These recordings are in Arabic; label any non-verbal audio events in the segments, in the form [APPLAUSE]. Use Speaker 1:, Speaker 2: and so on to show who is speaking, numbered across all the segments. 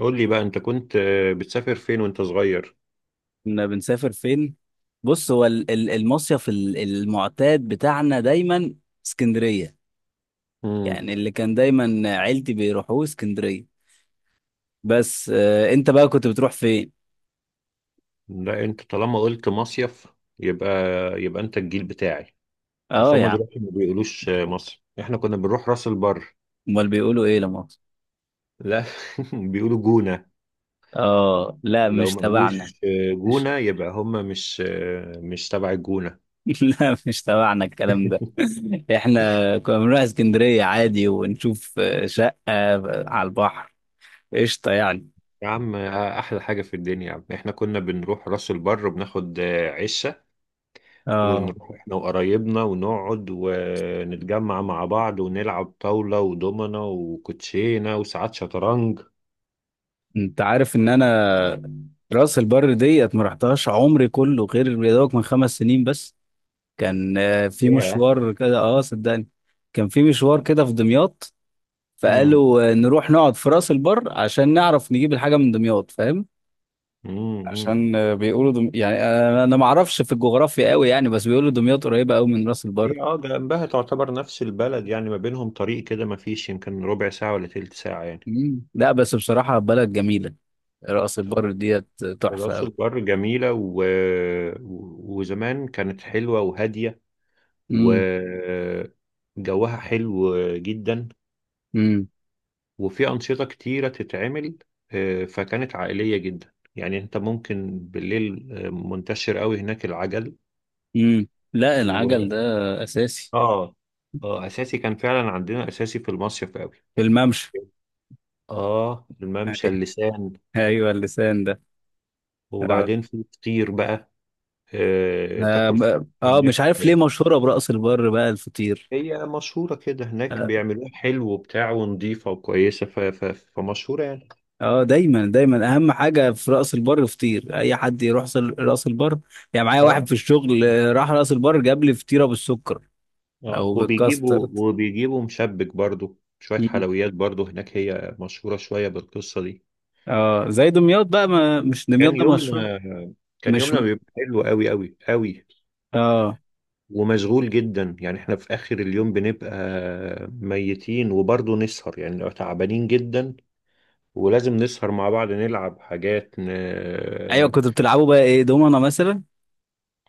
Speaker 1: قول لي بقى انت كنت بتسافر فين وانت صغير؟
Speaker 2: كنا بنسافر فين؟ بص، هو المصيف المعتاد بتاعنا دايما اسكندرية.
Speaker 1: امم.
Speaker 2: يعني اللي كان دايما عيلتي بيروحوه اسكندرية. بس، انت بقى كنت بتروح فين؟
Speaker 1: لا، انت طالما قلت مصيف، يبقى يبقى انت الجيل بتاعي.
Speaker 2: اه
Speaker 1: اصل
Speaker 2: يا
Speaker 1: هما
Speaker 2: عم.
Speaker 1: دلوقتي ما بيقولوش مصر، احنا كنا بنروح راس البر.
Speaker 2: امال بيقولوا ايه لما أقصد؟
Speaker 1: لا. [LAUGHS] بيقولوا جونة.
Speaker 2: اه، لا
Speaker 1: ولو
Speaker 2: مش
Speaker 1: ما
Speaker 2: تبعنا.
Speaker 1: قالوش
Speaker 2: مش.
Speaker 1: جونة، يبقى هما مش مش تبع الجونة.
Speaker 2: [LAUGHS] لا، مش تبعنا الكلام ده. [LAUGHS] احنا كنا بنروح اسكندرية عادي ونشوف شقة على البحر. قشطة يعني.
Speaker 1: يا عم، احلى حاجة في الدنيا يا عم، احنا كنا بنروح راس البر وبناخد عشة،
Speaker 2: اه،
Speaker 1: ونروح احنا وقرايبنا ونقعد ونتجمع مع بعض ونلعب طاولة ودومنة وكوتشينة وساعات شطرنج.
Speaker 2: انت عارف ان انا راس البر ديت ما رحتهاش عمري كله غير يا دوبك من 5 سنين بس. كان في
Speaker 1: ياه.
Speaker 2: مشوار كده، اه صدقني. كان في مشوار كده في دمياط.
Speaker 1: امم.
Speaker 2: فقالوا نروح نقعد في راس البر عشان نعرف نجيب الحاجه من دمياط، فاهم.
Speaker 1: امم.
Speaker 2: عشان بيقولوا يعني انا ما اعرفش في الجغرافيا قوي يعني، بس بيقولوا دمياط قريبه قوي من راس البر.
Speaker 1: هي جنبها تعتبر نفس البلد يعني، ما بينهم طريق كده، ما فيش يمكن ربع ساعة ولا تلت ساعة يعني.
Speaker 2: مم. لا، بس بصراحه بلد جميله. راس البر
Speaker 1: طبعا.
Speaker 2: ديت تحفه
Speaker 1: راس
Speaker 2: قوي.
Speaker 1: البر جميلة وزمان كانت حلوة وهادية،
Speaker 2: امم.
Speaker 1: وجوها حلو جدا،
Speaker 2: امم.
Speaker 1: وفي أنشطة كتيرة تتعمل. فكانت عائلية جدا، يعني أنت ممكن بالليل منتشر قوي هناك العجل
Speaker 2: امم. لا، العجل
Speaker 1: و...
Speaker 2: ده اساسي.
Speaker 1: آه أساسي، كان فعلا عندنا أساسي في المصيف قوي.
Speaker 2: الممشى. [LAUGHS]
Speaker 1: الممشى،
Speaker 2: أيوة.
Speaker 1: اللسان.
Speaker 2: أيوة، اللسان ده. اه.
Speaker 1: وبعدين في فطير بقى، تاكل فطير
Speaker 2: آه، مش
Speaker 1: هناك.
Speaker 2: عارف ليه مشهورة برأس البر بقى الفطير.
Speaker 1: هي مشهورة كده هناك،
Speaker 2: اه.
Speaker 1: بيعملوها حلو وبتاع ونضيفة وكويسة، فمشهورة يعني.
Speaker 2: دايما دايما اهم حاجة في رأس البر فطير. اي حد يروح رأس البر، يعني معايا واحد
Speaker 1: آه
Speaker 2: في الشغل راح رأس البر جاب لي فطيرة بالسكر
Speaker 1: اه
Speaker 2: او
Speaker 1: وبيجيبوا
Speaker 2: بالكاسترد.
Speaker 1: وبيجيبوا مشبك برضو، شوية
Speaker 2: مم.
Speaker 1: حلويات برضو هناك، هي مشهورة شوية بالقصة دي.
Speaker 2: اه، زي دمياط بقى، ما مش دمياط
Speaker 1: كان
Speaker 2: ده مشهور.
Speaker 1: يومنا كان
Speaker 2: مش.
Speaker 1: يومنا بيبقى حلو قوي قوي قوي،
Speaker 2: اه.
Speaker 1: ومشغول جدا. يعني احنا في آخر اليوم بنبقى ميتين، وبرضو نسهر، يعني لو تعبانين جدا، ولازم نسهر مع بعض، نلعب حاجات
Speaker 2: ايوه، كنتوا بتلعبوا بقى ايه، دومنا مثلا؟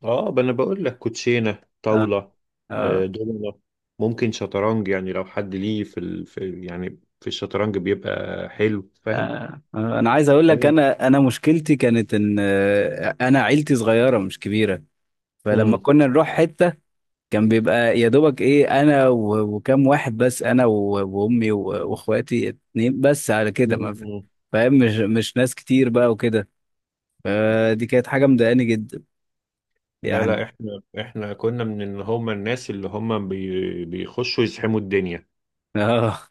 Speaker 1: انا بقول لك، كوتشينة،
Speaker 2: اه.
Speaker 1: طاولة،
Speaker 2: اه.
Speaker 1: دومنة، ممكن شطرنج، يعني لو حد ليه في، يعني في الشطرنج بيبقى حلو، فاهم؟
Speaker 2: انا عايز اقول لك،
Speaker 1: جامد.
Speaker 2: انا مشكلتي كانت ان انا عيلتي صغيره مش كبيره. فلما
Speaker 1: مم.
Speaker 2: كنا نروح حته، كان بيبقى يا دوبك ايه، انا وكم واحد بس، انا وامي واخواتي اتنين بس، على كده
Speaker 1: مم.
Speaker 2: ما في-
Speaker 1: مم.
Speaker 2: فاهم، مش ناس كتير بقى وكده. فدي كانت حاجه مضايقاني جدا.
Speaker 1: لا
Speaker 2: يعني
Speaker 1: لا، احنا كنا من اللي هم الناس اللي هم بيخشوا يزحموا الدنيا.
Speaker 2: اه.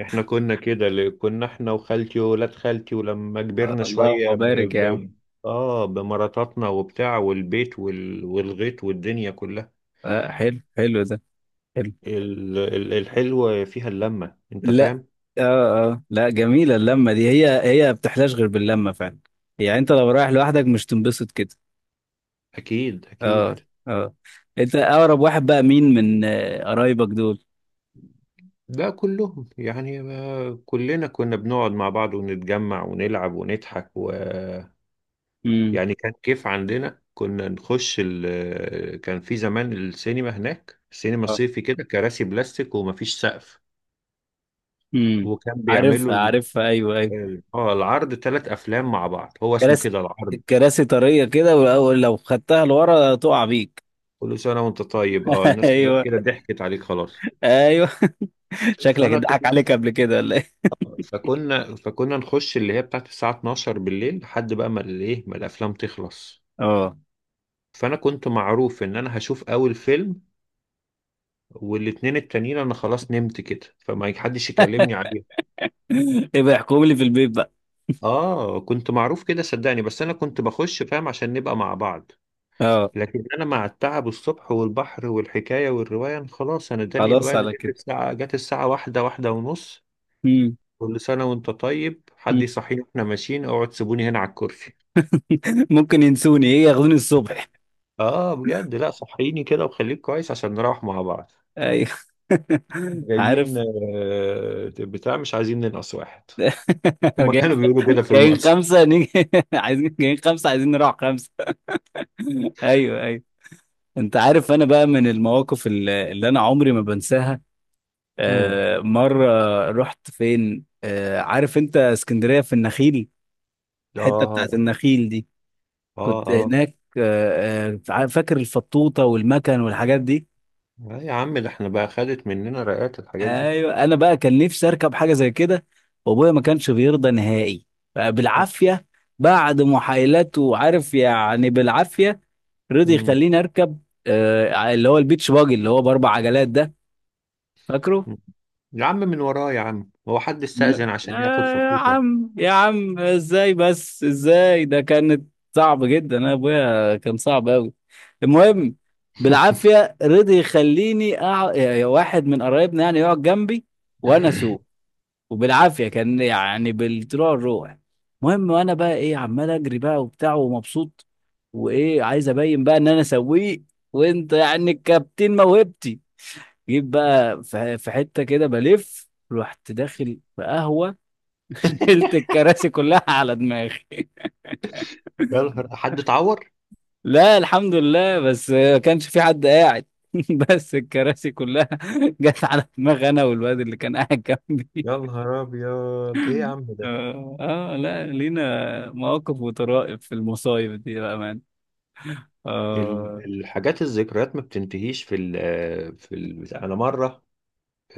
Speaker 1: احنا كنا كده، اللي كنا احنا وخالتي وولاد خالتي، ولما
Speaker 2: [LAUGHS]
Speaker 1: كبرنا
Speaker 2: اللهم
Speaker 1: شوية
Speaker 2: بارك يا عم.
Speaker 1: اه بمراتاتنا وبتاع والبيت والغيط والدنيا كلها.
Speaker 2: حلو، حلو ده. حلو.
Speaker 1: الحلوة فيها اللمة، انت
Speaker 2: لا.
Speaker 1: فاهم؟
Speaker 2: اه. اه، لا، جميلة اللمة دي، هي هي ما بتحلاش غير باللمة فعلا. يعني انت لو رايح لوحدك مش تنبسط كده.
Speaker 1: اكيد
Speaker 2: اه.
Speaker 1: اكيد.
Speaker 2: اه. انت اقرب واحد بقى مين من قرايبك دول؟
Speaker 1: ده كلهم، يعني ما كلنا كنا بنقعد مع بعض ونتجمع ونلعب ونضحك
Speaker 2: امم.
Speaker 1: يعني كان كيف عندنا، كنا نخش كان في زمان السينما هناك، السينما
Speaker 2: اه.
Speaker 1: صيفي كده، كراسي بلاستيك ومفيش سقف،
Speaker 2: امم.
Speaker 1: وكان بيعملوا
Speaker 2: عارفها، عارفها، ايوه ايوه.
Speaker 1: اه العرض ثلاث افلام مع بعض، هو اسمه
Speaker 2: كراسي.
Speaker 1: كده العرض.
Speaker 2: الكراسي طرية كده، والاول لو خدتها لورا تقع بيك.
Speaker 1: كل سنه وانت طيب. اه
Speaker 2: [LAUGHS]
Speaker 1: الناس كلها
Speaker 2: ايوه
Speaker 1: كده ضحكت عليك خلاص.
Speaker 2: ايوه. شكلك
Speaker 1: فانا كنت
Speaker 2: اتضحك عليك قبل كده ولا ايه؟
Speaker 1: فكنا نخش اللي هي بتاعت الساعه 12 بالليل، لحد بقى ما الافلام تخلص.
Speaker 2: اه.
Speaker 1: فانا كنت معروف ان انا هشوف اول فيلم، والاتنين التانيين انا خلاص نمت كده، فما حدش يكلمني عليه.
Speaker 2: [LAUGHS] يبقى احكم لي في البيت بقى.
Speaker 1: اه كنت معروف كده، صدقني، بس انا كنت بخش، فاهم، عشان نبقى مع بعض.
Speaker 2: اه.
Speaker 1: لكن انا مع التعب الصبح والبحر والحكايه والروايه، أنا خلاص، انا اداني
Speaker 2: خلاص
Speaker 1: الوقت،
Speaker 2: على
Speaker 1: جت
Speaker 2: كده.
Speaker 1: الساعه جت الساعه واحده ونص.
Speaker 2: امم.
Speaker 1: كل سنه وانت طيب، حد
Speaker 2: [LAUGHS]
Speaker 1: يصحيني واحنا ماشيين، اقعد، سيبوني هنا على الكرسي.
Speaker 2: ممكن ينسوني، ايه، ياخدوني الصبح.
Speaker 1: اه بجد، لا صحيني كده وخليك كويس عشان نروح مع بعض.
Speaker 2: ايوه. [LAUGHS]
Speaker 1: جايين،
Speaker 2: عارف.
Speaker 1: بتاع، مش عايزين ننقص واحد.
Speaker 2: [LAUGHS]
Speaker 1: هما
Speaker 2: جايين،
Speaker 1: كانوا بيقولوا كده في المؤسسة.
Speaker 2: خمسه نيجي، [LAUGHS] عايزين، جايين خمسه، عايزين نروح خمسه. [LAUGHS] ايوه ايوه. انت عارف انا بقى من المواقف اللي انا عمري ما بنساها.
Speaker 1: امم.
Speaker 2: مره رحت فين؟ عارف انت اسكندريه في النخيل، الحته بتاعت
Speaker 1: اه.
Speaker 2: النخيل دي.
Speaker 1: اه.
Speaker 2: كنت
Speaker 1: اه.
Speaker 2: هناك فاكر الفطوطه والمكن والحاجات دي.
Speaker 1: آه يا عم، ده احنا بقى خدت مننا رقات الحاجات دي.
Speaker 2: ايوه، انا بقى كان نفسي اركب حاجه زي كده، وابويا ما كانش بيرضى نهائي. بقى بالعافيه، بعد محايلات وعارف يعني، بالعافيه
Speaker 1: مم.
Speaker 2: رضي
Speaker 1: مم.
Speaker 2: يخليني اركب. آه، اللي هو البيتش باجي اللي هو باربع عجلات ده. فاكره.
Speaker 1: يا عم، من وراه يا عم، هو حد
Speaker 2: من
Speaker 1: استأذن عشان ياخد
Speaker 2: يا
Speaker 1: فطوطة؟
Speaker 2: عم، يا عم، ازاي بس، ازاي، ده كانت صعب جدا. انا ابويا كان صعب قوي. المهم،
Speaker 1: [LAUGHS]
Speaker 2: بالعافيه رضي يخليني يا واحد من قرايبنا يعني يقعد جنبي، وانا اسوق، وبالعافيه كان يعني بالطلوع الروح. المهم، وانا بقى ايه، عمال اجري بقى وبتاع ومبسوط. وايه، عايز ابين بقى ان انا سويق، وانت يعني الكابتن موهبتي. جيت بقى في حته كده بلف، رحت داخل في قهوه. [LAUGHS] شلت الكراسي كلها على دماغي.
Speaker 1: يا نهار حد اتعور.
Speaker 2: لا الحمد لله، بس ما كانش في حد قاعد. [LAUGHS] بس الكراسي كلها [LAUGHS] جت على دماغ انا والواد اللي كان قاعد جنبي.
Speaker 1: يا نهار ابيض، ايه يا عم ده.
Speaker 2: لا، لينا مواقف وطرائف في المصايب دي بقى مان. آه.
Speaker 1: الحاجات، الذكريات ما بتنتهيش في ال في ال بتاع. انا مره،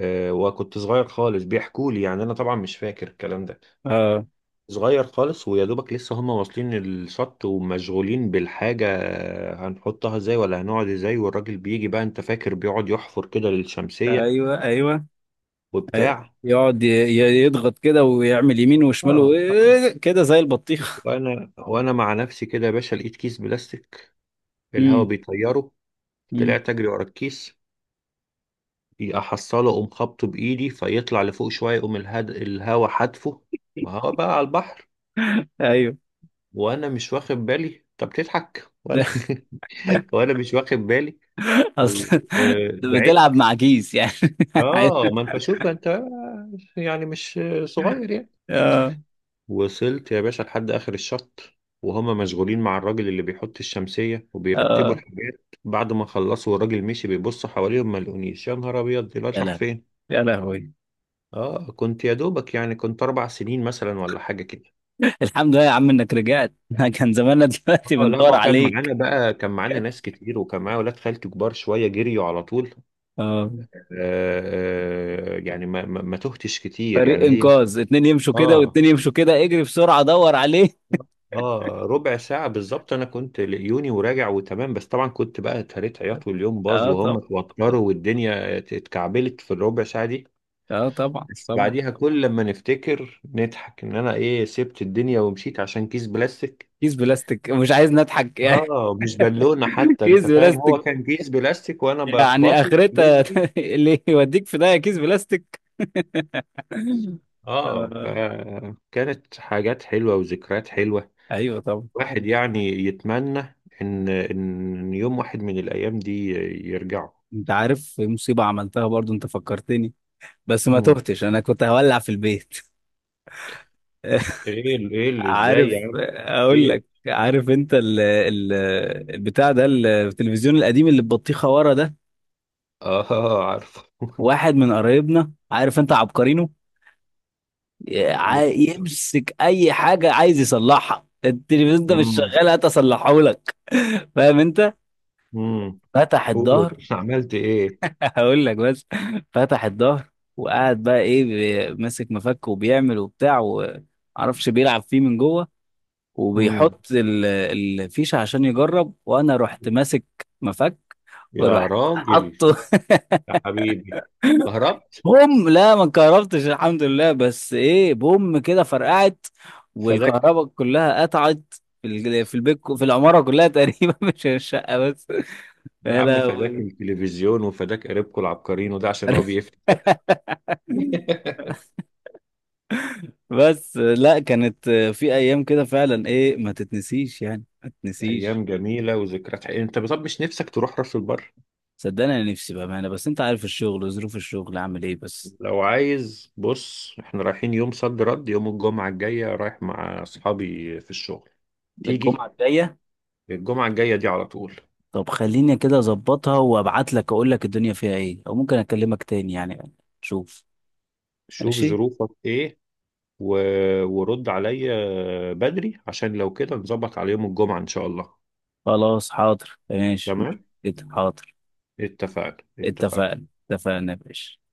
Speaker 1: وكنت صغير خالص، بيحكوا لي يعني، انا طبعا مش فاكر الكلام ده.
Speaker 2: آه.
Speaker 1: صغير خالص، ويا دوبك لسه هم واصلين الشط ومشغولين بالحاجه، هنحطها ازاي ولا هنقعد ازاي، والراجل بيجي بقى انت فاكر، بيقعد يحفر كده للشمسيه
Speaker 2: أيوه أيوه. أيوه.
Speaker 1: وبتاع.
Speaker 2: يقعد يضغط كده ويعمل يمين وشمال
Speaker 1: اه اه
Speaker 2: كده زي البطيخ.
Speaker 1: وانا مع نفسي كده يا باشا، لقيت كيس بلاستيك،
Speaker 2: [LAUGHS]
Speaker 1: الهوا
Speaker 2: امم.
Speaker 1: بيطيره.
Speaker 2: امم.
Speaker 1: طلعت اجري ورا الكيس، احصله، اقوم خبطه بايدي فيطلع لفوق شويه، يقوم الهوا حدفه، ما هو بقى على البحر،
Speaker 2: أيوه.
Speaker 1: وانا مش واخد بالي. طب تضحك
Speaker 2: [LAUGHS] ده
Speaker 1: وانا [LAUGHS] وانا مش واخد بالي و...
Speaker 2: أصلا
Speaker 1: بعدت.
Speaker 2: بتلعب مع كيس يعني.
Speaker 1: اه
Speaker 2: [LAUGHS]
Speaker 1: ما انت شوف انت، يعني مش صغير يعني.
Speaker 2: آه.
Speaker 1: وصلت يا باشا لحد آخر الشط، وهما مشغولين مع الراجل اللي بيحط الشمسية وبيرتبوا
Speaker 2: آه.
Speaker 1: الحاجات، بعد ما خلصوا والراجل مشي بيبص حواليهم ما لقونيش. يا نهار أبيض، دلوقتي
Speaker 2: يا
Speaker 1: راح
Speaker 2: لهوي.
Speaker 1: فين؟
Speaker 2: يا لهوي.
Speaker 1: كنت يا دوبك يعني، كنت أربع سنين مثلا ولا حاجة كده.
Speaker 2: الحمد لله يا عم إنك رجعت. [LAUGHS] كان زماننا دلوقتي
Speaker 1: لا،
Speaker 2: بندور
Speaker 1: ما كان
Speaker 2: عليك.
Speaker 1: معانا بقى، كان معانا
Speaker 2: [LAUGHS]
Speaker 1: ناس كتير، وكان معايا ولاد خالتي كبار شوية، جريوا على طول.
Speaker 2: اه.
Speaker 1: آه يعني ما تهتش كتير
Speaker 2: فريق
Speaker 1: يعني هي.
Speaker 2: انقاذ، اتنين يمشوا كده
Speaker 1: آه
Speaker 2: واتنين يمشوا كده، اجري بسرعه دور عليه.
Speaker 1: اه ربع ساعة بالظبط انا كنت لقيوني، وراجع وتمام، بس طبعا كنت بقى اتهريت عياط، واليوم باظ
Speaker 2: اه.
Speaker 1: وهم
Speaker 2: طب. طب.
Speaker 1: اتوتروا والدنيا اتكعبلت في الربع ساعة دي.
Speaker 2: اه طبعا
Speaker 1: بس
Speaker 2: طبعا.
Speaker 1: بعديها كل لما نفتكر نضحك ان انا ايه، سبت الدنيا ومشيت عشان كيس بلاستيك.
Speaker 2: كيس بلاستيك مش عايز نضحك يعني.
Speaker 1: اه مش بالونة
Speaker 2: [LAUGHS]
Speaker 1: حتى،
Speaker 2: كيس
Speaker 1: انت فاهم، هو
Speaker 2: بلاستيك.
Speaker 1: كان كيس بلاستيك وانا
Speaker 2: يعني
Speaker 1: بخبطه
Speaker 2: اخرتها،
Speaker 1: يجري.
Speaker 2: [LAUGHS] اللي يوديك في ده كيس بلاستيك.
Speaker 1: اه
Speaker 2: آه.
Speaker 1: فكانت حاجات حلوة وذكريات حلوة.
Speaker 2: ايوه طبعا أيوة.
Speaker 1: واحد يعني يتمنى ان يوم واحد من الايام دي يرجعوا.
Speaker 2: انت عارف مصيبه عملتها برضو، انت فكرتني. بس ما
Speaker 1: مم.
Speaker 2: تهتش، انا كنت هولع في البيت.
Speaker 1: ايه
Speaker 2: [LAUGHS]
Speaker 1: ايه اللي ازاي
Speaker 2: عارف
Speaker 1: يا عم.
Speaker 2: اقول
Speaker 1: ايه.
Speaker 2: لك، عارف انت ال ال البتاع ده، التلفزيون القديم اللي ببطيخه ورا ده.
Speaker 1: اه عارفه. [LAUGHS]
Speaker 2: واحد من قرايبنا عارف انت عبقرينه، يمسك اي حاجه عايز يصلحها. التلفزيون ده مش
Speaker 1: امم.
Speaker 2: شغال، هات اصلحه لك. [LAUGHS] فاهم انت.
Speaker 1: امم.
Speaker 2: فتح
Speaker 1: قول
Speaker 2: الظهر.
Speaker 1: عملت ايه.
Speaker 2: [LAUGHS] هقول لك بس. فتح الظهر، وقعد بقى ايه، ماسك مفك وبيعمل وبتاع، ومعرفش بيلعب فيه من جوه،
Speaker 1: امم.
Speaker 2: وبيحط الفيشه عشان يجرب، وانا رحت ماسك مفك،
Speaker 1: يا
Speaker 2: ورحت
Speaker 1: راجل.
Speaker 2: حطه.
Speaker 1: يا حبيبي. هربت.
Speaker 2: بوم! لا، ما انكهربتش الحمد لله، بس ايه، بوم كده فرقعت،
Speaker 1: فداك.
Speaker 2: والكهرباء كلها قطعت في البيت، في العماره كلها تقريبا، [LAUGHS] مش الشقه بس.
Speaker 1: يا
Speaker 2: يا
Speaker 1: عم، فداك
Speaker 2: لهوي.
Speaker 1: التلفزيون، وفداك قريبكم العبقرين، وده عشان هو
Speaker 2: [LAUGHS]
Speaker 1: بيفتح. [LAUGHS]
Speaker 2: بس لا، كانت في ايام كده فعلا ايه، ما تتنسيش يعني، ما تتنسيش.
Speaker 1: ايام جميله وذكريات حقيقية. انت طب مش نفسك تروح راس البر؟
Speaker 2: صدقني، انا نفسي بامانه، بس انت عارف الشغل وظروف الشغل عامل ايه بس.
Speaker 1: لو عايز بص، احنا رايحين يوم صد رد يوم الجمعه الجايه، رايح مع اصحابي في الشغل، تيجي؟
Speaker 2: الجمعه الجايه؟
Speaker 1: الجمعة الجاية دي على طول.
Speaker 2: طب خليني كده اظبطها وابعت لك، اقول لك الدنيا فيها ايه، او ممكن اكلمك تاني يعني. شوف.
Speaker 1: شوف
Speaker 2: ماشي.
Speaker 1: ظروفك ايه و... ورد عليا بدري، عشان لو كده نظبط على يوم الجمعة ان شاء الله.
Speaker 2: خلاص حاضر، ماشي.
Speaker 1: تمام.
Speaker 2: حاضر.
Speaker 1: اتفقنا اتفقنا.
Speaker 2: اتفقنا، اتفقنا يا باشا.